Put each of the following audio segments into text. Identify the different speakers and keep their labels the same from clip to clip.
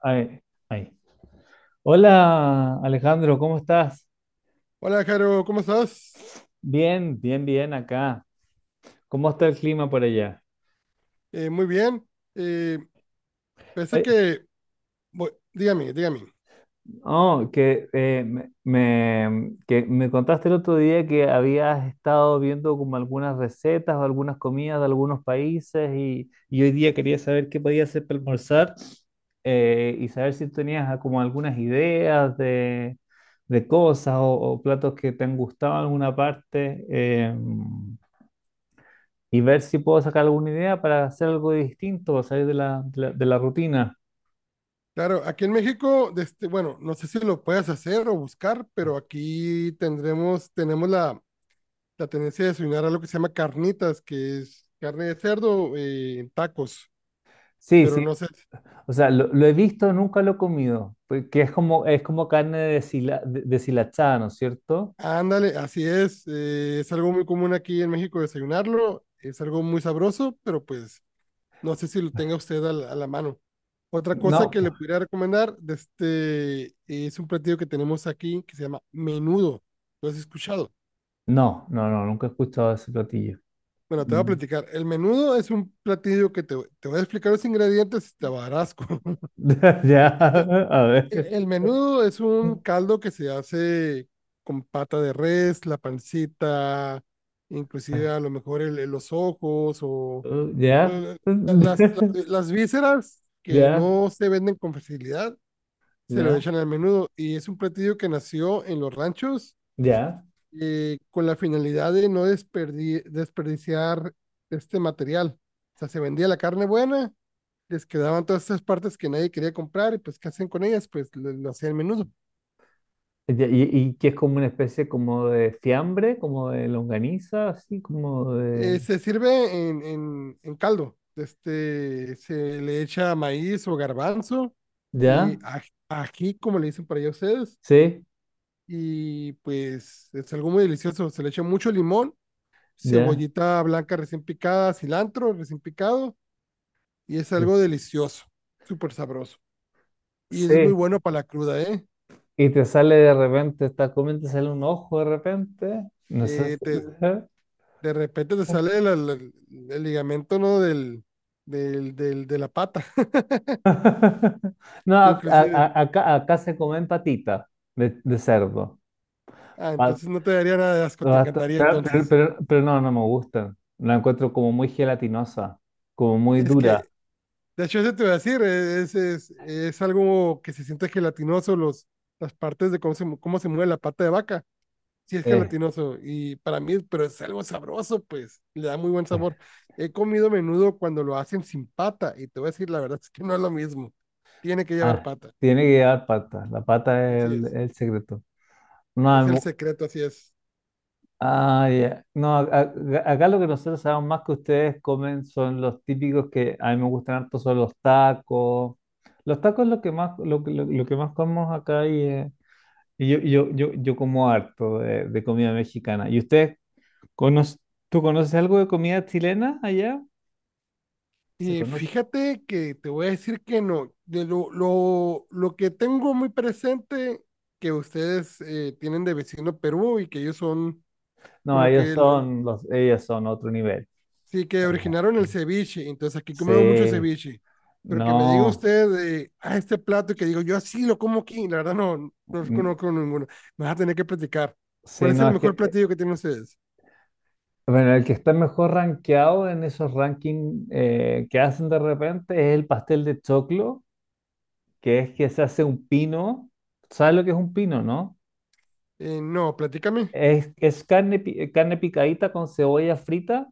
Speaker 1: Ay, ay. Hola Alejandro, ¿cómo estás?
Speaker 2: Hola, Jaro, ¿cómo estás?
Speaker 1: Bien, bien, bien acá. ¿Cómo está el clima por allá?
Speaker 2: Muy bien. Eh, pensé
Speaker 1: Oye,
Speaker 2: que, Dígame, dígame.
Speaker 1: que me contaste el otro día que habías estado viendo como algunas recetas o algunas comidas de algunos países y hoy día quería saber qué podía hacer para almorzar y saber si tenías como algunas ideas de cosas o platos que te han gustado en alguna parte. Y ver si puedo sacar alguna idea para hacer algo distinto, para salir de la rutina.
Speaker 2: Claro, aquí en México, bueno, no sé si lo puedas hacer o buscar, pero aquí tenemos la tendencia de desayunar algo que se llama carnitas, que es carne de cerdo en tacos,
Speaker 1: Sí,
Speaker 2: pero
Speaker 1: sí.
Speaker 2: no sé.
Speaker 1: O sea, lo he visto, nunca lo he comido, porque es como carne deshilachada, ¿no es cierto?
Speaker 2: Ándale, así es. Eh, es algo muy común aquí en México desayunarlo, es algo muy sabroso, pero pues no sé si lo tenga usted a la mano. Otra cosa que
Speaker 1: No,
Speaker 2: le pudiera recomendar es un platillo que tenemos aquí que se llama menudo. ¿Lo has escuchado?
Speaker 1: no, no, no, nunca he escuchado ese platillo.
Speaker 2: Bueno, te voy a
Speaker 1: Mm.
Speaker 2: platicar. El menudo es un platillo que te voy a explicar los ingredientes y te va a dar asco.
Speaker 1: Ya, a ver.
Speaker 2: El menudo es un caldo que se hace con pata de res, la pancita, inclusive a lo mejor los ojos o
Speaker 1: Ya,
Speaker 2: eh, las vísceras que
Speaker 1: ya,
Speaker 2: no se venden con facilidad, se lo
Speaker 1: ya,
Speaker 2: echan al menudo, y es un platillo que nació en los ranchos
Speaker 1: ya.
Speaker 2: con la finalidad de no desperdiciar este material. O sea, se vendía la carne buena, les quedaban todas esas partes que nadie quería comprar y pues ¿qué hacen con ellas? Pues lo hacían al menudo.
Speaker 1: Ya. Y que es como una especie como de fiambre, como de longaniza, así como de...
Speaker 2: Se sirve en, en caldo, se le echa maíz o garbanzo y
Speaker 1: ¿Ya?
Speaker 2: ají, como le dicen para allá ustedes,
Speaker 1: Sí,
Speaker 2: y pues es algo muy delicioso, se le echa mucho limón,
Speaker 1: ya.
Speaker 2: cebollita blanca recién picada, cilantro recién picado, y es
Speaker 1: Sí.
Speaker 2: algo delicioso, súper sabroso. Y es muy
Speaker 1: Sí,
Speaker 2: bueno para la cruda, ¿eh?
Speaker 1: y te sale de repente, estás comiendo, te sale un ojo de repente. No sé
Speaker 2: Eh, te, de repente te sale el ligamento, ¿no? De la pata,
Speaker 1: No,
Speaker 2: inclusive.
Speaker 1: acá, acá se comen patitas de cerdo.
Speaker 2: Ah,
Speaker 1: Pa-
Speaker 2: entonces no te daría nada de asco, te encantaría
Speaker 1: Pero,
Speaker 2: entonces.
Speaker 1: no, no me gustan. La encuentro como muy gelatinosa, como muy
Speaker 2: Es
Speaker 1: dura.
Speaker 2: que, de hecho, eso te voy a decir, es algo que se siente gelatinoso, las partes de cómo se, cómo se mueve la pata de vaca. Sí, es
Speaker 1: Eh,
Speaker 2: gelatinoso y para mí, pero es algo sabroso, pues, le da muy buen
Speaker 1: eh,
Speaker 2: sabor. He comido menudo cuando lo hacen sin pata y te voy a decir la verdad, es que no es lo mismo. Tiene que llevar
Speaker 1: ah,
Speaker 2: pata.
Speaker 1: tiene que llevar pata. La pata es
Speaker 2: Así es.
Speaker 1: el secreto.
Speaker 2: Es el
Speaker 1: No,
Speaker 2: secreto, así es.
Speaker 1: ah, ya. No, acá lo que nosotros sabemos más que ustedes comen son los típicos que a mí me gustan harto, son los tacos. Los tacos es lo que más, lo que más comemos acá y, yo como harto de comida mexicana. ¿Y conoce, tú conoces algo de comida chilena allá? ¿Se
Speaker 2: Y
Speaker 1: conoce?
Speaker 2: fíjate que te voy a decir que no. De lo que tengo muy presente que ustedes tienen de vecino Perú y que ellos son
Speaker 1: No,
Speaker 2: como
Speaker 1: ellos
Speaker 2: que
Speaker 1: son ellos son otro nivel.
Speaker 2: sí, que originaron el ceviche, entonces aquí comemos mucho
Speaker 1: Sí,
Speaker 2: ceviche. Pero que me diga
Speaker 1: no,
Speaker 2: usted de este plato que digo, yo así lo como aquí, la verdad no, no
Speaker 1: mm,
Speaker 2: conozco ninguno. Me vas a tener que platicar. ¿Cuál
Speaker 1: sí,
Speaker 2: es
Speaker 1: no,
Speaker 2: el
Speaker 1: es que
Speaker 2: mejor platillo que tienen ustedes?
Speaker 1: bueno, el que está mejor rankeado en esos rankings que hacen de repente es el pastel de choclo, que es que se hace un pino. ¿Sabes lo que es un pino, no?
Speaker 2: No, platícame.
Speaker 1: Es carne, carne picadita con cebolla frita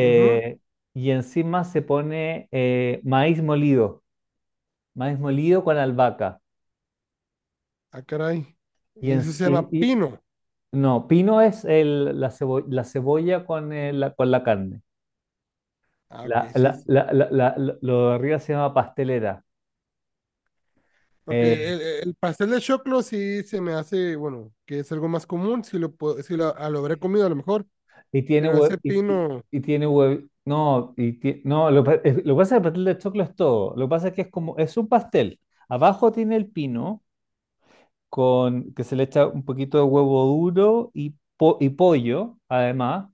Speaker 2: Ujú.
Speaker 1: y encima se pone maíz molido con albahaca.
Speaker 2: Ah, caray.
Speaker 1: Y, en-
Speaker 2: Eso se llama
Speaker 1: y- y-
Speaker 2: pino.
Speaker 1: no, pino es la cebolla con, con la carne.
Speaker 2: Ah, ok, sí, sí.
Speaker 1: Lo de arriba se llama pastelera.
Speaker 2: Ok,
Speaker 1: Eh,
Speaker 2: el el pastel de choclo sí se me hace, bueno, que es algo más común, si lo, puedo- si lo, ah, lo habré comido a lo mejor,
Speaker 1: Y tiene
Speaker 2: pero ese
Speaker 1: hue- y, y-
Speaker 2: pino
Speaker 1: y tiene hue- No, no, lo que pasa es que el pastel de choclo es todo. Lo que pasa es que es como, es un pastel. Abajo tiene el pino, con, que se le echa un poquito de huevo duro y pollo, además.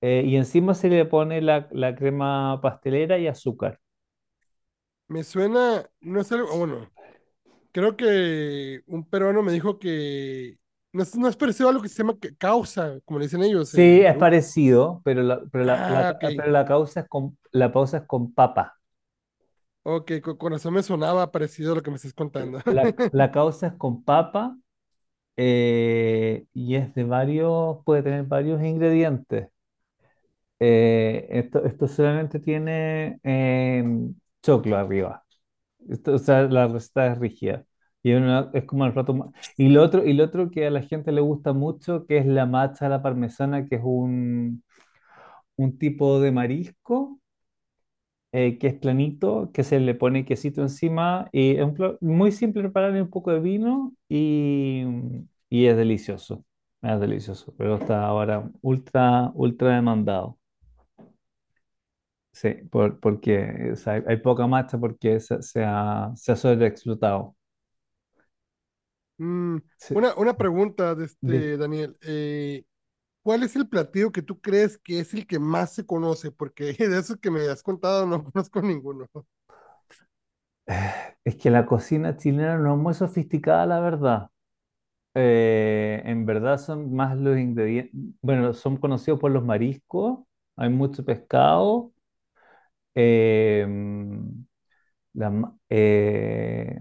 Speaker 1: Y encima se le pone la crema pastelera y azúcar.
Speaker 2: me suena, no es algo, bueno, creo que un peruano me dijo que no es, no es parecido a lo que se llama causa, como le dicen ellos
Speaker 1: Sí,
Speaker 2: en
Speaker 1: es
Speaker 2: Perú.
Speaker 1: parecido,
Speaker 2: Ah, ok.
Speaker 1: pero la causa es con, la causa es con papa.
Speaker 2: Ok, con razón me sonaba parecido a lo que me estás contando.
Speaker 1: La la causa es con papa y es de varios, puede tener varios ingredientes. Esto solamente tiene choclo arriba. O sea, la receta es rígida. Es como el plato más... y lo otro que a la gente le gusta mucho, que es la macha a la parmesana, que es un tipo de marisco que es planito, que se le pone quesito encima y es un muy simple prepararle un poco de vino y es delicioso, pero está ahora ultra, ultra demandado. Sí, porque o sea, hay poca marcha porque se ha sobreexplotado.
Speaker 2: Mm,
Speaker 1: Sí,
Speaker 2: una
Speaker 1: sí.
Speaker 2: pregunta
Speaker 1: de-
Speaker 2: Daniel. ¿Cuál es el platillo que tú crees que es el que más se conoce? Porque de esos que me has contado no conozco ninguno.
Speaker 1: es que la cocina chilena no es muy sofisticada, la verdad. En verdad son más los ingredientes, bueno, son conocidos por los mariscos, hay mucho pescado. Em, la, ma- eh,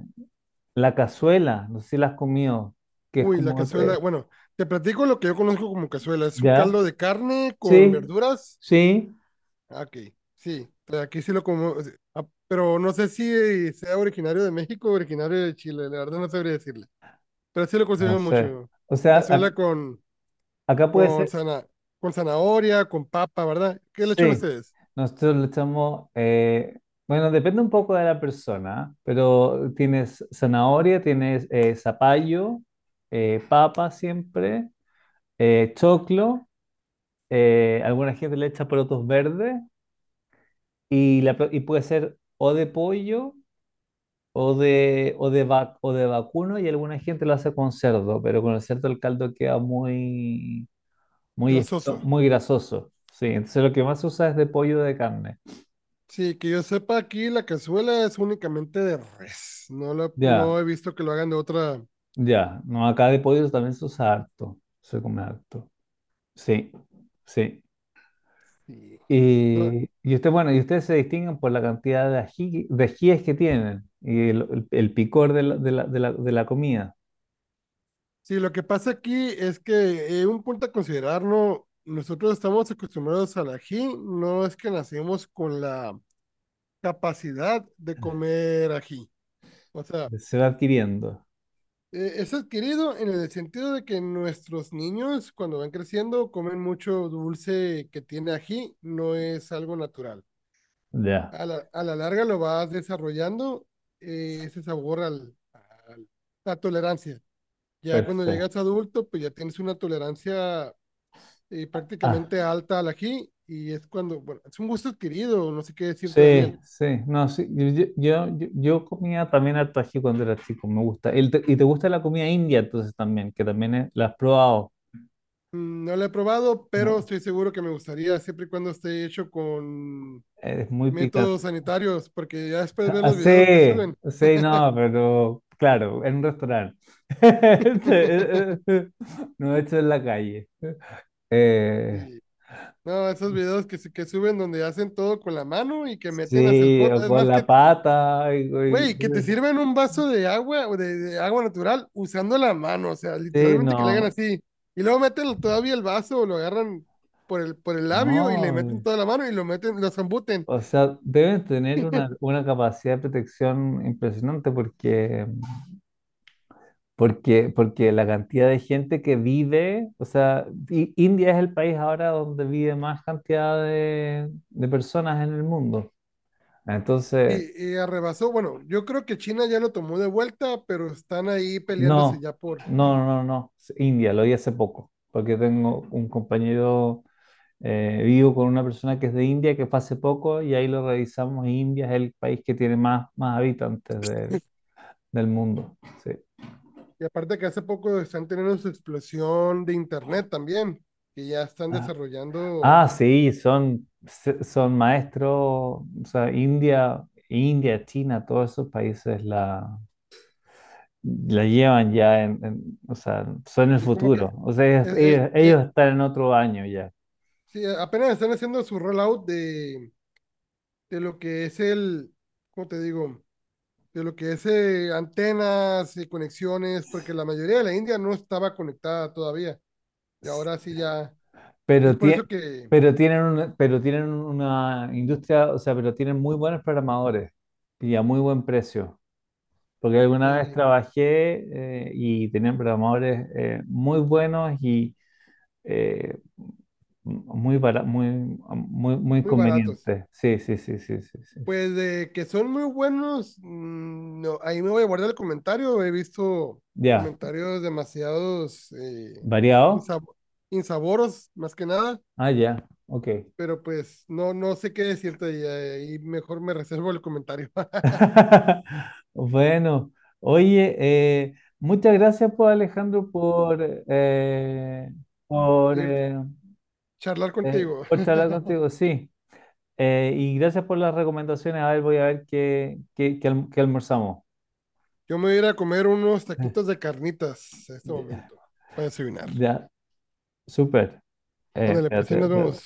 Speaker 1: la cazuela, no sé si la has comido, que es
Speaker 2: Uy, la
Speaker 1: como,
Speaker 2: cazuela. Bueno, te platico lo que yo conozco como cazuela. Es un
Speaker 1: ¿ya?
Speaker 2: caldo de carne con
Speaker 1: Sí,
Speaker 2: verduras.
Speaker 1: sí,
Speaker 2: Ah, ok, sí, pero aquí sí lo como, o sea, pero no sé si sea originario de México o originario de Chile, la verdad no sabría decirle, pero sí lo
Speaker 1: no
Speaker 2: consumimos
Speaker 1: sé.
Speaker 2: mucho.
Speaker 1: O sea,
Speaker 2: Cazuela
Speaker 1: acá puede
Speaker 2: con,
Speaker 1: ser,
Speaker 2: zana- con zanahoria, con papa, ¿verdad? ¿Qué le echan
Speaker 1: sí,
Speaker 2: ustedes?
Speaker 1: nosotros le echamos, bueno, depende un poco de la persona, ¿ah? Pero tienes zanahoria, tienes zapallo, papa siempre, choclo, alguna gente le echa porotos verdes. Y puede ser o de pollo o o de vacuno y alguna gente lo hace con cerdo, pero con el cerdo el caldo queda muy,
Speaker 2: Grasoso.
Speaker 1: muy grasoso. Sí, entonces lo que más se usa es de pollo o de carne.
Speaker 2: Sí, que yo sepa aquí la cazuela es únicamente de res, no,
Speaker 1: Ya,
Speaker 2: no he visto que lo hagan de otra,
Speaker 1: ya. No, acá de pollo también se usa harto. Se come harto. Sí, sí.
Speaker 2: sí. No,
Speaker 1: Y y usted, bueno, y ustedes se distinguen por la cantidad de ají, de ajíes que tienen y el picor de la comida.
Speaker 2: sí, lo que pasa aquí es que un punto a considerar, ¿no? Nosotros estamos acostumbrados al ají, no es que nacemos con la capacidad de comer ají. O sea,
Speaker 1: Se va adquiriendo.
Speaker 2: es adquirido en el sentido de que nuestros niños cuando van creciendo comen mucho dulce que tiene ají, no es algo natural.
Speaker 1: Ya.
Speaker 2: A la larga lo vas desarrollando ese sabor al- la tolerancia. Ya cuando
Speaker 1: Perfecto.
Speaker 2: llegas adulto, pues ya tienes una tolerancia y
Speaker 1: Ah,
Speaker 2: prácticamente alta al ají y es cuando, bueno, es un gusto adquirido, no sé qué decirte,
Speaker 1: sí,
Speaker 2: Daniel.
Speaker 1: sí. No, sí. Yo comía también harto ají cuando era chico, me gusta. Y te gusta la comida india entonces también, que también la has probado.
Speaker 2: Mm, no lo he probado, pero
Speaker 1: No,
Speaker 2: estoy seguro que me gustaría siempre y cuando esté hecho con
Speaker 1: es muy picante.
Speaker 2: métodos sanitarios, porque ya después ver
Speaker 1: Ah,
Speaker 2: los videos que
Speaker 1: sí,
Speaker 2: suben.
Speaker 1: sí, no, pero claro, en un restaurante. No hecho en la calle. Eh,
Speaker 2: Sí. No, esos videos que suben donde hacen todo con la mano y que meten hacia el
Speaker 1: sí,
Speaker 2: fondo.
Speaker 1: o
Speaker 2: Es
Speaker 1: con
Speaker 2: más
Speaker 1: la
Speaker 2: que
Speaker 1: pata.
Speaker 2: güey, que te sirven un vaso de agua o de agua natural usando la mano, o sea,
Speaker 1: Sí,
Speaker 2: literalmente que le hagan
Speaker 1: no.
Speaker 2: así. Y luego meten todavía el vaso o lo agarran por por el labio y le meten
Speaker 1: No,
Speaker 2: toda la mano y lo meten, lo zambuten.
Speaker 1: o sea, deben tener una capacidad de protección impresionante porque, porque, porque la cantidad de gente que vive, o sea, India es el país ahora donde vive más cantidad de personas en el mundo. Entonces,
Speaker 2: Arrebasó, bueno, yo creo que China ya lo tomó de vuelta, pero están ahí peleándose
Speaker 1: no,
Speaker 2: ya por.
Speaker 1: no, no, no, es India, lo vi hace poco, porque tengo un compañero, vivo con una persona que es de India, que fue hace poco, y ahí lo revisamos, y India es el país que tiene más, más habitantes del mundo. Sí.
Speaker 2: Y aparte que hace poco están teniendo su explosión de internet también, que ya están desarrollando,
Speaker 1: Ah, sí, son, son maestros, o sea, India, India, China, todos esos países la llevan ya o sea, son el
Speaker 2: y como que,
Speaker 1: futuro. O sea,
Speaker 2: eh, eh,
Speaker 1: ellos están en otro año ya.
Speaker 2: sí, apenas están haciendo su rollout de lo que es el, ¿cómo te digo? De lo que es antenas y conexiones, porque la mayoría de la India no estaba conectada todavía. Y
Speaker 1: S-
Speaker 2: ahora sí ya, es
Speaker 1: Pero,
Speaker 2: por eso que
Speaker 1: pero tienen una industria, o sea, pero tienen muy buenos programadores y a muy buen precio. Porque alguna vez
Speaker 2: eh,
Speaker 1: trabajé y tenían programadores muy buenos eh, muy, muy
Speaker 2: muy baratos.
Speaker 1: conveniente. Sí, sí, sí, sí, sí, sí, sí.
Speaker 2: Pues de que son muy buenos, mm, no, ahí me voy a guardar el comentario. He visto
Speaker 1: Ya,
Speaker 2: comentarios demasiados
Speaker 1: variado.
Speaker 2: insab- insaboros, más que nada,
Speaker 1: Ah, ya, ok.
Speaker 2: pero pues no, no sé qué decirte y ahí mejor me reservo el comentario.
Speaker 1: Bueno, oye, muchas gracias por Alejandro por,
Speaker 2: Seguirte-
Speaker 1: eh,
Speaker 2: Charlar contigo.
Speaker 1: por charlar contigo, sí. Y gracias por las recomendaciones. A ver, voy a ver qué qué almorzamos.
Speaker 2: Yo me voy a ir a comer unos taquitos de carnitas en este momento para desayunar.
Speaker 1: Ya, súper.
Speaker 2: Ándale, pues sí,
Speaker 1: Espérate,
Speaker 2: nos
Speaker 1: espérate.
Speaker 2: vemos.